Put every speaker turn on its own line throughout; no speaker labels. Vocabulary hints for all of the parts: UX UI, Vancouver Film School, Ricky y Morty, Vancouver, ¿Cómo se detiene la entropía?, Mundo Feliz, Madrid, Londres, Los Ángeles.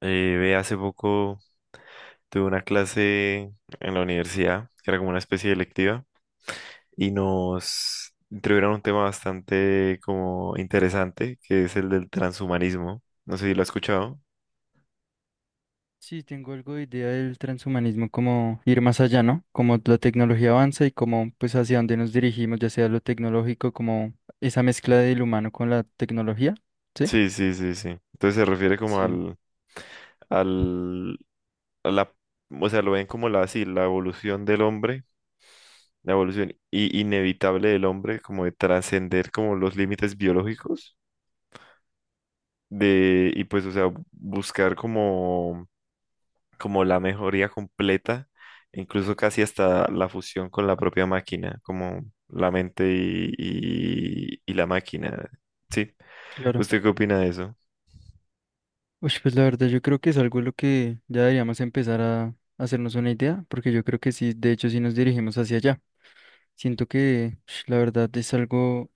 Hace poco tuve una clase en la universidad, que era como una especie de electiva, y nos introdujeron un tema bastante como interesante, que es el del transhumanismo. No sé si lo has escuchado.
Sí, tengo algo de idea del transhumanismo, como ir más allá, ¿no? Como la tecnología avanza y como pues hacia dónde nos dirigimos, ya sea lo tecnológico, como esa mezcla del humano con la tecnología, ¿sí?
Sí, sí, sí, sí. Entonces se refiere como
Sí,
al, a la, o sea, lo ven como la, sí, la evolución del hombre, la evolución inevitable del hombre, como de trascender como los límites biológicos, de, y pues, o sea, buscar como la mejoría completa, incluso casi hasta la fusión con la propia máquina, como la mente y la máquina. ¿Sí?
claro.
¿Usted qué opina de eso?
Uy, pues la verdad yo creo que es algo lo que ya deberíamos empezar a hacernos una idea, porque yo creo que sí, de hecho sí nos dirigimos hacia allá. Siento que la verdad es algo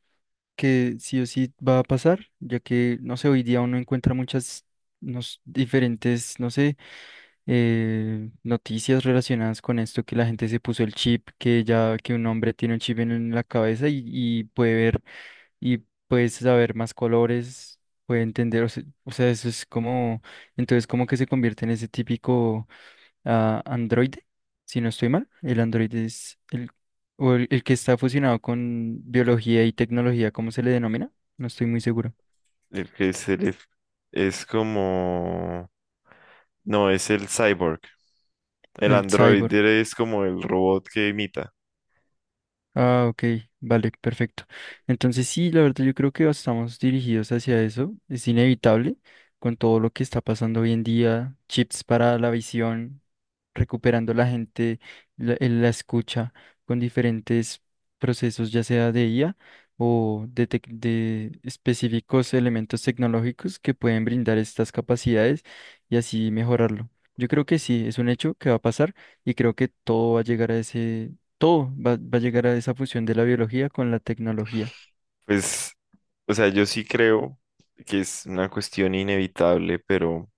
que sí o sí va a pasar, ya que, no sé, hoy día uno encuentra muchas diferentes, no sé, noticias relacionadas con esto, que la gente se puso el chip, que ya que un hombre tiene un chip en la cabeza y puede ver y puede saber más colores, puede entender, o sea, eso es como, entonces como que se convierte en ese típico a Android, si no estoy mal. El Android es o el que está fusionado con biología y tecnología, ¿cómo se le denomina? No estoy muy seguro.
El que se le- Es como... No, es el cyborg. El
El cyborg.
androide es como el robot que imita.
Ah, ok, vale, perfecto. Entonces sí, la verdad yo creo que estamos dirigidos hacia eso. Es inevitable con todo lo que está pasando hoy en día, chips para la visión, recuperando la gente, la escucha con diferentes procesos, ya sea de IA o de, de específicos elementos tecnológicos que pueden brindar estas capacidades y así mejorarlo. Yo creo que sí, es un hecho que va a pasar y creo que todo va a llegar a esa fusión de la biología con la tecnología.
Pues, o sea, yo sí creo que es una cuestión inevitable, pero...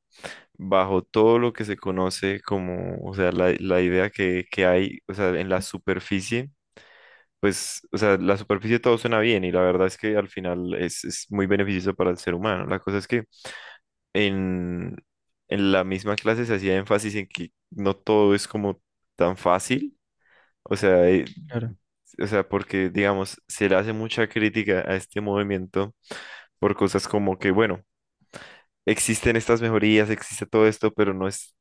bajo todo lo que se conoce como, o sea, la idea que hay, o sea, en la superficie, pues, o sea, la superficie todo suena bien y la verdad es que al final es muy beneficioso para el ser humano. La cosa es que en, en la misma clase se hacía énfasis en que no todo es como tan fácil, o sea, eh,
Claro,
o sea, porque, digamos, se le hace mucha crítica a este movimiento por cosas como que, bueno, existen estas mejorías, existe todo esto, pero no es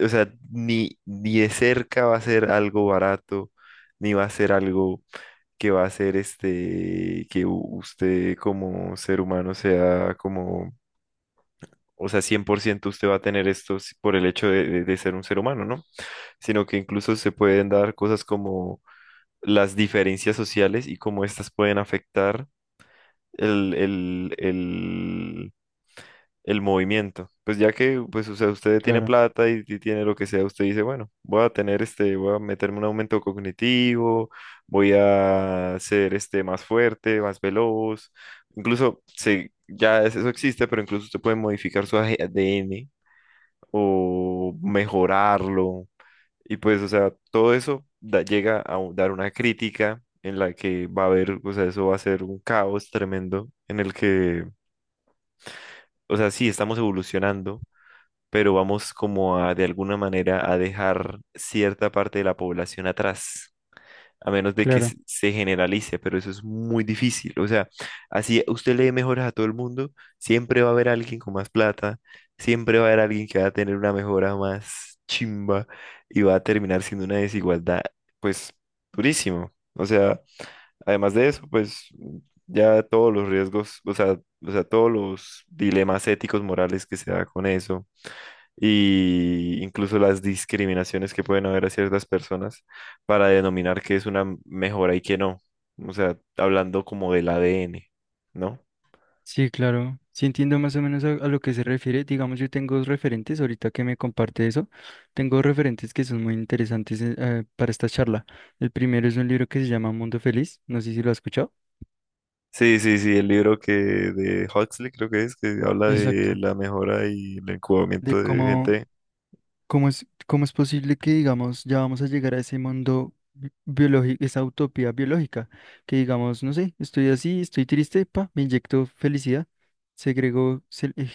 o sea, ni, ni de cerca va a ser algo barato, ni va a ser algo que va a ser este, que usted como ser humano sea como, o sea, 100% usted va a tener esto por el hecho de, de ser un ser humano, ¿no? Sino que incluso se pueden dar cosas como las diferencias sociales y cómo estas pueden afectar el, el, el el movimiento. Pues ya que, pues, o sea, usted tiene
claro,
plata y tiene lo que sea, usted dice, bueno, voy a tener este, voy a meterme un aumento cognitivo, voy a ser este más fuerte, más veloz. Incluso se, eso existe, pero incluso usted puede modificar su ADN o mejorarlo. Y pues, o sea, todo eso llega a dar una crítica en la que va a haber, o sea, eso va a ser un caos tremendo en el que, o sea, sí, estamos evolucionando pero vamos como a de alguna manera a dejar cierta parte de la población atrás, a menos de que
claro.
se generalice, pero eso es muy difícil. O sea, así usted le dé mejoras a todo el mundo, siempre va a haber alguien con más plata, siempre va a haber alguien que va a tener una mejora más chimba y va a terminar siendo una desigualdad, pues, durísimo. O sea, además de eso, pues... Ya todos los riesgos, o sea, todos los dilemas éticos, morales que se da con eso, y incluso las discriminaciones que pueden haber a ciertas personas para denominar qué es una mejora y qué no. O sea, hablando como del ADN, ¿no?
Sí, claro. Sí entiendo más o menos a lo que se refiere. Digamos, yo tengo dos referentes, ahorita que me comparte eso, tengo dos referentes que son muy interesantes para esta charla. El primero es un libro que se llama Mundo Feliz, no sé si lo has escuchado.
Sí, sí, sí, el libro que de Huxley creo que es, que habla de
Exacto.
la mejora y el
De
incubamiento de
cómo,
gente.
¿cómo es, cómo es posible que, digamos, ya vamos a llegar a ese mundo biológico, esa utopía biológica? Que, digamos, no sé, estoy así, estoy triste, pa, me inyecto felicidad, segrego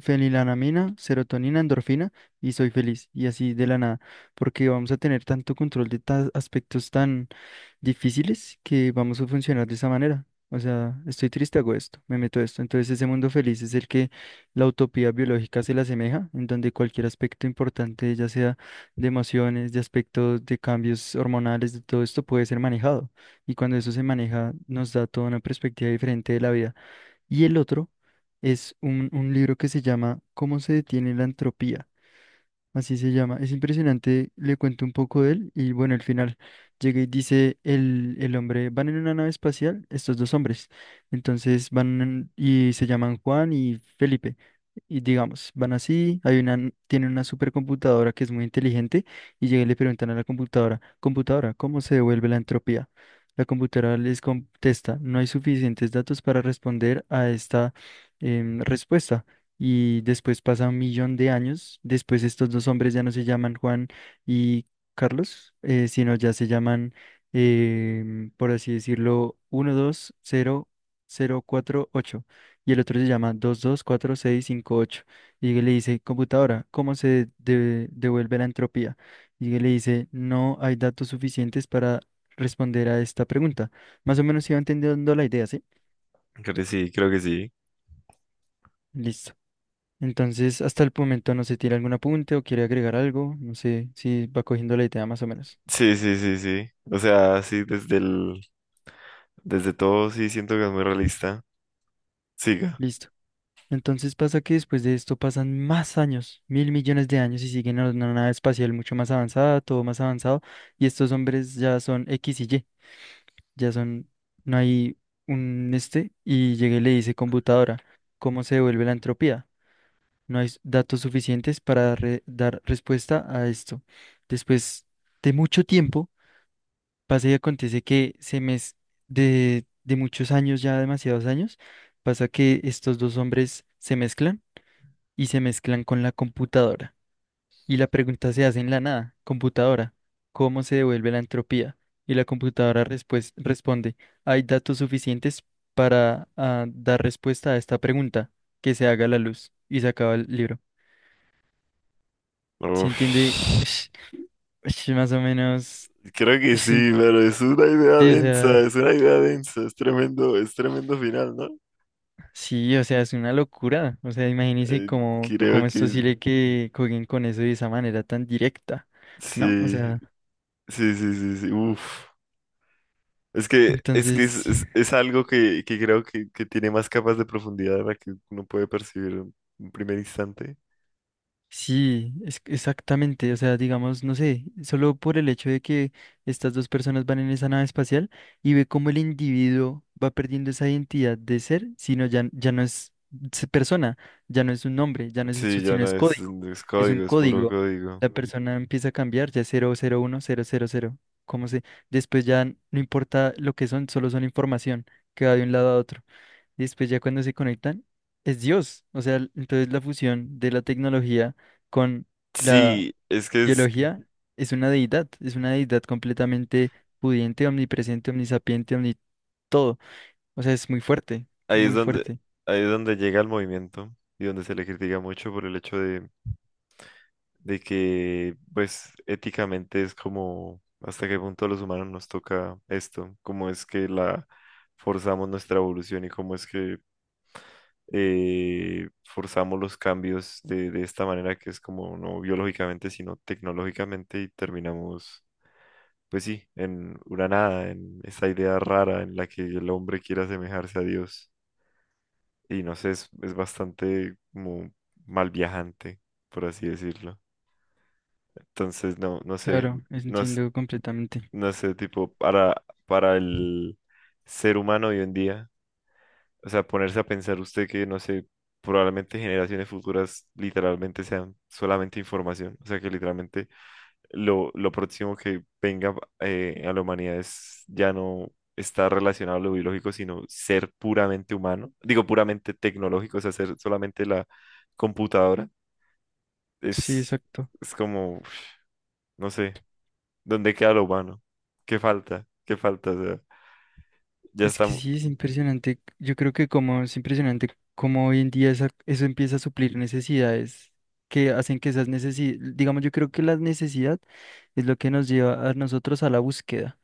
fenilanamina, serotonina, endorfina y soy feliz. Y así de la nada, porque vamos a tener tanto control de aspectos tan difíciles que vamos a funcionar de esa manera. O sea, estoy triste, hago esto, me meto esto. Entonces ese mundo feliz es el que la utopía biológica se le asemeja, en donde cualquier aspecto importante, ya sea de emociones, de aspectos, de cambios hormonales, de todo esto puede ser manejado. Y cuando eso se maneja, nos da toda una perspectiva diferente de la vida. Y el otro es un libro que se llama ¿Cómo se detiene la entropía? Así se llama. Es impresionante. Le cuento un poco de él y bueno, al final llega y dice el hombre, van en una nave espacial, estos dos hombres. Entonces y se llaman Juan y Felipe. Y digamos, van así, tienen una supercomputadora que es muy inteligente y llega y le preguntan a la computadora: computadora, ¿cómo se devuelve la entropía? La computadora les contesta: no hay suficientes datos para responder a esta respuesta. Y después pasa un millón de años. Después estos dos hombres ya no se llaman Juan y Carlos, sino ya se llaman, por así decirlo, 120048 y el otro se llama 224658. Y le dice: computadora, ¿cómo devuelve la entropía? Y le dice: no hay datos suficientes para responder a esta pregunta. Más o menos iba entendiendo la idea, ¿sí?
Creo que sí, creo que sí.
Listo. Entonces, hasta el momento no se tiene algún apunte o quiere agregar algo. No sé si va cogiendo la idea más o menos.
Sí, sí, sí, sí. O sea, sí, desde todo sí siento que es muy realista. Siga.
Listo. Entonces pasa que después de esto pasan más años, mil millones de años, y siguen en una nave espacial mucho más avanzada, todo más avanzado. Y estos hombres ya son X y Y. Ya son, no hay un este. Y llegué y le dice: computadora, ¿cómo se devuelve la entropía? No hay datos suficientes para dar respuesta a esto. Después de mucho tiempo. Pasa y acontece que de muchos años, ya demasiados años, pasa que estos dos hombres se mezclan y se mezclan con la computadora. Y la pregunta se hace en la nada: computadora, ¿cómo se devuelve la entropía? Y la computadora responde: hay datos suficientes para dar respuesta a esta pregunta, que se haga la luz. Y se acaba el libro. ¿Se
Uf.
entiende? Ush, más o menos.
Creo que
ush,
sí, pero es una idea
sí, o
densa,
sea.
es una idea densa, es tremendo final, ¿no?
Sí, o sea, es una locura. O sea, imagínense
Eh,
cómo,
Creo
cómo es
que
posible que jueguen con eso de esa manera tan directa, ¿no? O
sí,
sea,
sí, sí, sí, sí, uf.
entonces,
Es algo que creo que tiene más capas de profundidad de la que uno puede percibir en un primer instante.
sí, exactamente. O sea, digamos, no sé, solo por el hecho de que estas dos personas van en esa nave espacial y ve cómo el individuo va perdiendo esa identidad de ser, sino ya, ya no es persona, ya no es un nombre, ya no es eso,
Sí, ya
sino
no
es
es,
código.
es
Es un
código, es puro
código.
código.
La persona empieza a cambiar, ya es 00, 1000. ¿Cómo se? Después ya no importa lo que son, solo son información que va de un lado a otro. Y después ya cuando se conectan, es Dios. O sea, entonces la fusión de la tecnología con la
Sí, es que es,
biología es una deidad completamente pudiente, omnipresente, omnisapiente, omni todo. O sea, es muy fuerte,
ahí es
muy
donde,
fuerte.
ahí es donde llega el movimiento y donde se le critica mucho por el hecho de que, pues, éticamente es como hasta qué punto a los humanos nos toca esto, cómo es que la forzamos nuestra evolución y cómo es que forzamos los cambios de esta manera que es como no biológicamente, sino tecnológicamente y terminamos, pues sí, en una nada, en esa idea rara en la que el hombre quiere asemejarse a Dios. Y no sé, es bastante como mal viajante, por así decirlo. Entonces, no, no sé,
Claro,
no,
entiendo completamente.
no sé, tipo, para el ser humano hoy en día. O sea, ponerse a pensar usted que, no sé, probablemente generaciones futuras literalmente sean solamente información. O sea, que literalmente lo próximo que venga a la humanidad es ya no estar relacionado a lo biológico, sino ser puramente humano. Digo, puramente tecnológico, o sea, ser solamente la computadora.
Sí,
Es,
exacto.
es como, uf, no sé, ¿dónde queda lo humano? ¿Qué falta? ¿Qué falta? O sea, ya
Es que
está,
sí, es impresionante. Yo creo que como es impresionante cómo hoy en día eso empieza a suplir necesidades que hacen que esas necesidades, digamos, yo creo que la necesidad es lo que nos lleva a nosotros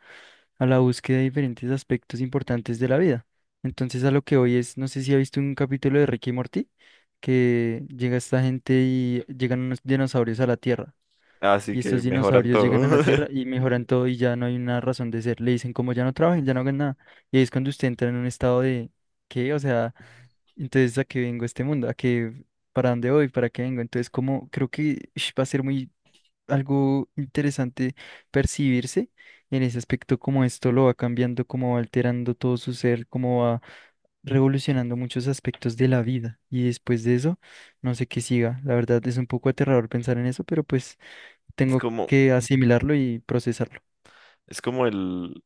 a la búsqueda de diferentes aspectos importantes de la vida. Entonces, a lo que hoy es, no sé si ha visto un capítulo de Ricky y Morty, que llega esta gente y llegan unos dinosaurios a la Tierra.
así
Y
que
estos
mejoran
dinosaurios llegan a la
todo.
Tierra y mejoran todo y ya no hay una razón de ser. Le dicen como ya no trabajen, ya no hagan nada. Y ahí es cuando usted entra en un estado de, ¿qué? O sea, entonces, ¿a qué vengo a este mundo? ¿A qué? ¿Para dónde voy? ¿Para qué vengo? Entonces como creo que va a ser muy algo interesante percibirse en ese aspecto, como esto lo va cambiando, como va alterando todo su ser, como va revolucionando muchos aspectos de la vida. Y después de eso, no sé qué siga. La verdad es un poco aterrador pensar en eso, pero pues...
Es
Tengo
como,
que asimilarlo y procesarlo.
es como el,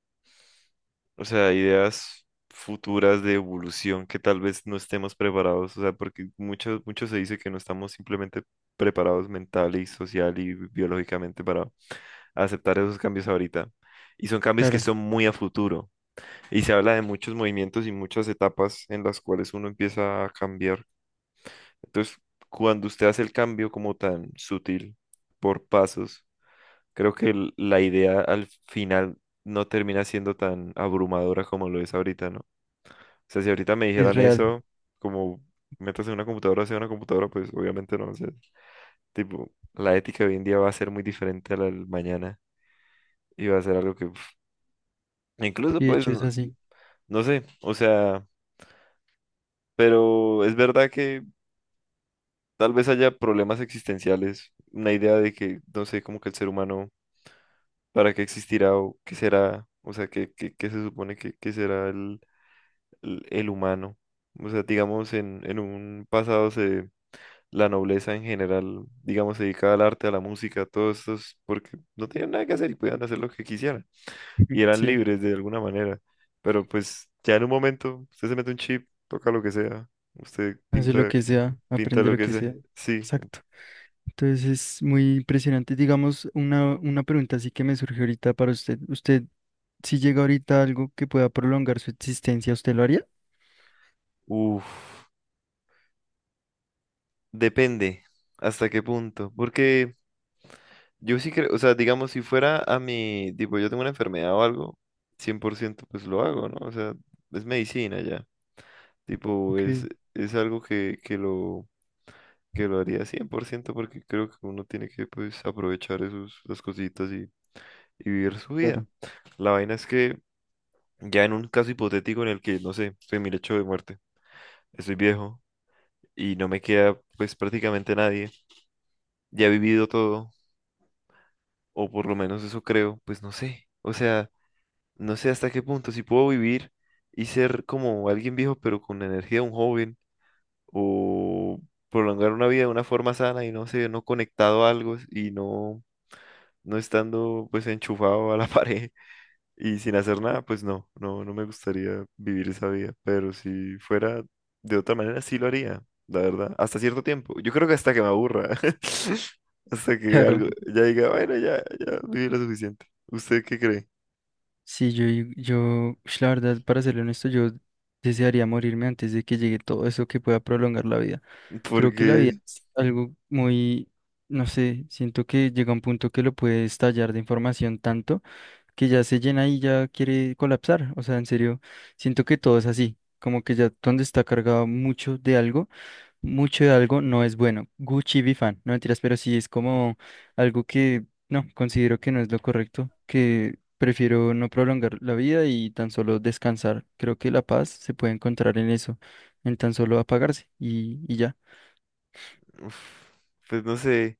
o sea, ideas futuras de evolución que tal vez no estemos preparados, o sea, porque mucho, mucho se dice que no estamos simplemente preparados mental y social y biológicamente para aceptar esos cambios ahorita. Y son cambios que
Claro,
son muy a futuro. Y se habla de muchos movimientos y muchas etapas en las cuales uno empieza a cambiar. Entonces, cuando usted hace el cambio como tan sutil, por pasos, creo que la idea al final no termina siendo tan abrumadora como lo es ahorita, ¿no? O sea, si ahorita me
sí es
dijeran
real.
eso, como métase en una computadora, sea una computadora, pues obviamente no. O sea, tipo, la ética de hoy en día va a ser muy diferente a la del mañana y va a ser algo que, uf, incluso,
Y de
pues,
hecho es
no,
así.
no sé, o sea, pero es verdad que tal vez haya problemas existenciales, una idea de que, no sé, como que el ser humano, ¿para qué existirá o qué será? O sea, ¿qué, qué, qué se supone que será el el humano. O sea, digamos, en un pasado se, la nobleza en general, digamos, se dedicaba al arte, a la música, todo esto porque no tenían nada que hacer y podían hacer lo que quisieran. Y eran
Sí,
libres de alguna manera. Pero pues ya en un momento, usted se mete un chip, toca lo que sea, usted
hace lo
pinta,
que sea,
pinta
aprende
lo
lo
que
que sea.
sea. Sí. ent-
Exacto. Entonces es muy impresionante. Digamos, una pregunta así que me surge ahorita para usted. ¿Usted, si llega ahorita algo que pueda prolongar su existencia, usted lo haría?
Uf, depende hasta qué punto. Porque yo sí creo, o sea, digamos, si fuera a mi, tipo, yo tengo una enfermedad o algo, 100%, pues lo hago, ¿no? O sea, es medicina ya. Tipo,
Ok,
es algo que, que lo haría 100%, porque creo que uno tiene que, pues, aprovechar esos, las cositas y vivir su vida.
claro.
La vaina es que ya en un caso hipotético en el que, no sé, estoy en mi lecho de muerte, estoy viejo y no me queda, pues, prácticamente nadie, ya he vivido todo, o por lo menos eso creo, pues no sé. O sea... No sé hasta qué punto, si puedo vivir y ser como alguien viejo, pero con la energía de un joven, o prolongar una vida de una forma sana y no sé, no conectado a algo y no, no estando pues enchufado a la pared y sin hacer nada, pues no, no, no me gustaría vivir esa vida, pero si fuera de otra manera, sí lo haría, la verdad, hasta cierto tiempo. Yo creo que hasta que me aburra, hasta que
Claro.
algo ya diga, bueno, ya, ya viví lo suficiente. ¿Usted qué cree?
Sí, yo, yo, la verdad, para serle honesto, yo desearía morirme antes de que llegue todo eso que pueda prolongar la vida. Creo que la vida
Porque...
es algo muy, no sé, siento que llega un punto que lo puede estallar de información tanto que ya se llena y ya quiere colapsar. O sea, en serio, siento que todo es así, como que ya donde está cargado mucho de algo, mucho de algo no es bueno. Gucci Bifan, no mentiras, pero sí es como algo que no, considero que no es lo correcto, que prefiero no prolongar la vida y tan solo descansar. Creo que la paz se puede encontrar en eso, en tan solo apagarse y ya.
Uf, pues no sé,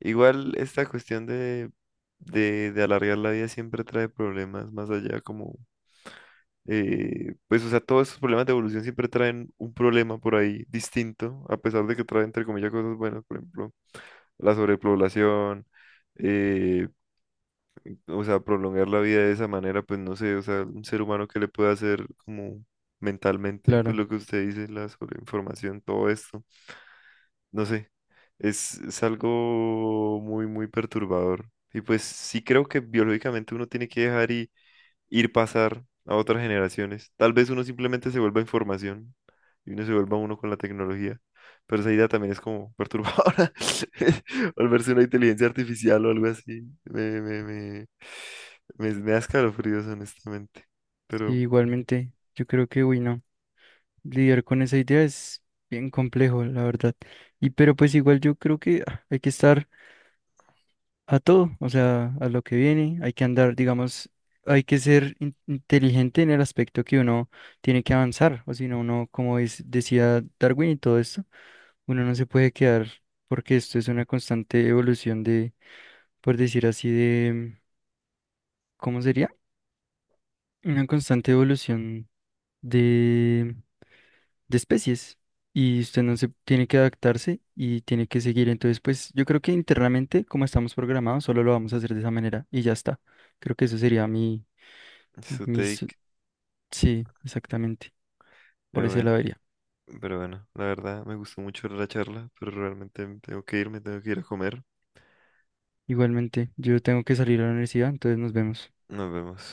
igual esta cuestión de, de alargar la vida siempre trae problemas más allá como, pues o sea, todos estos problemas de evolución siempre traen un problema por ahí distinto, a pesar de que trae entre comillas cosas buenas, por ejemplo, la sobrepoblación, eh, o sea, prolongar la vida de esa manera, pues no sé, o sea, un ser humano que le puede hacer como mentalmente, pues
Claro,
lo que usted dice, la sobreinformación, todo esto. No sé, es algo muy, muy perturbador. Y pues sí creo que biológicamente uno tiene que dejar y ir pasar a otras generaciones. Tal vez uno simplemente se vuelva información y uno se vuelva uno con la tecnología. Pero esa idea también es como perturbadora. Volverse una inteligencia artificial o algo así. Me da escalofríos, honestamente.
sí,
Pero,
igualmente, yo creo que, uy, no, lidiar con esa idea es bien complejo, la verdad. Y pero pues igual yo creo que hay que estar a todo, o sea, a lo que viene, hay que andar, digamos, hay que ser inteligente en el aspecto que uno tiene que avanzar, o si no, uno, como decía Darwin y todo esto, uno no se puede quedar porque esto es una constante evolución de, por decir así, de, ¿cómo sería? Una constante evolución de, de especies y usted no se tiene que adaptarse y tiene que seguir. Entonces, pues yo creo que internamente, como estamos programados, solo lo vamos a hacer de esa manera y ya está. Creo que eso sería mi,
su
mis,
take,
sí, exactamente. Por
pero
ese
bueno.
lado iría.
Pero bueno, la verdad me gustó mucho la charla, pero realmente tengo que irme, tengo que ir a comer.
Igualmente, yo tengo que salir a la universidad, entonces nos vemos.
Nos vemos.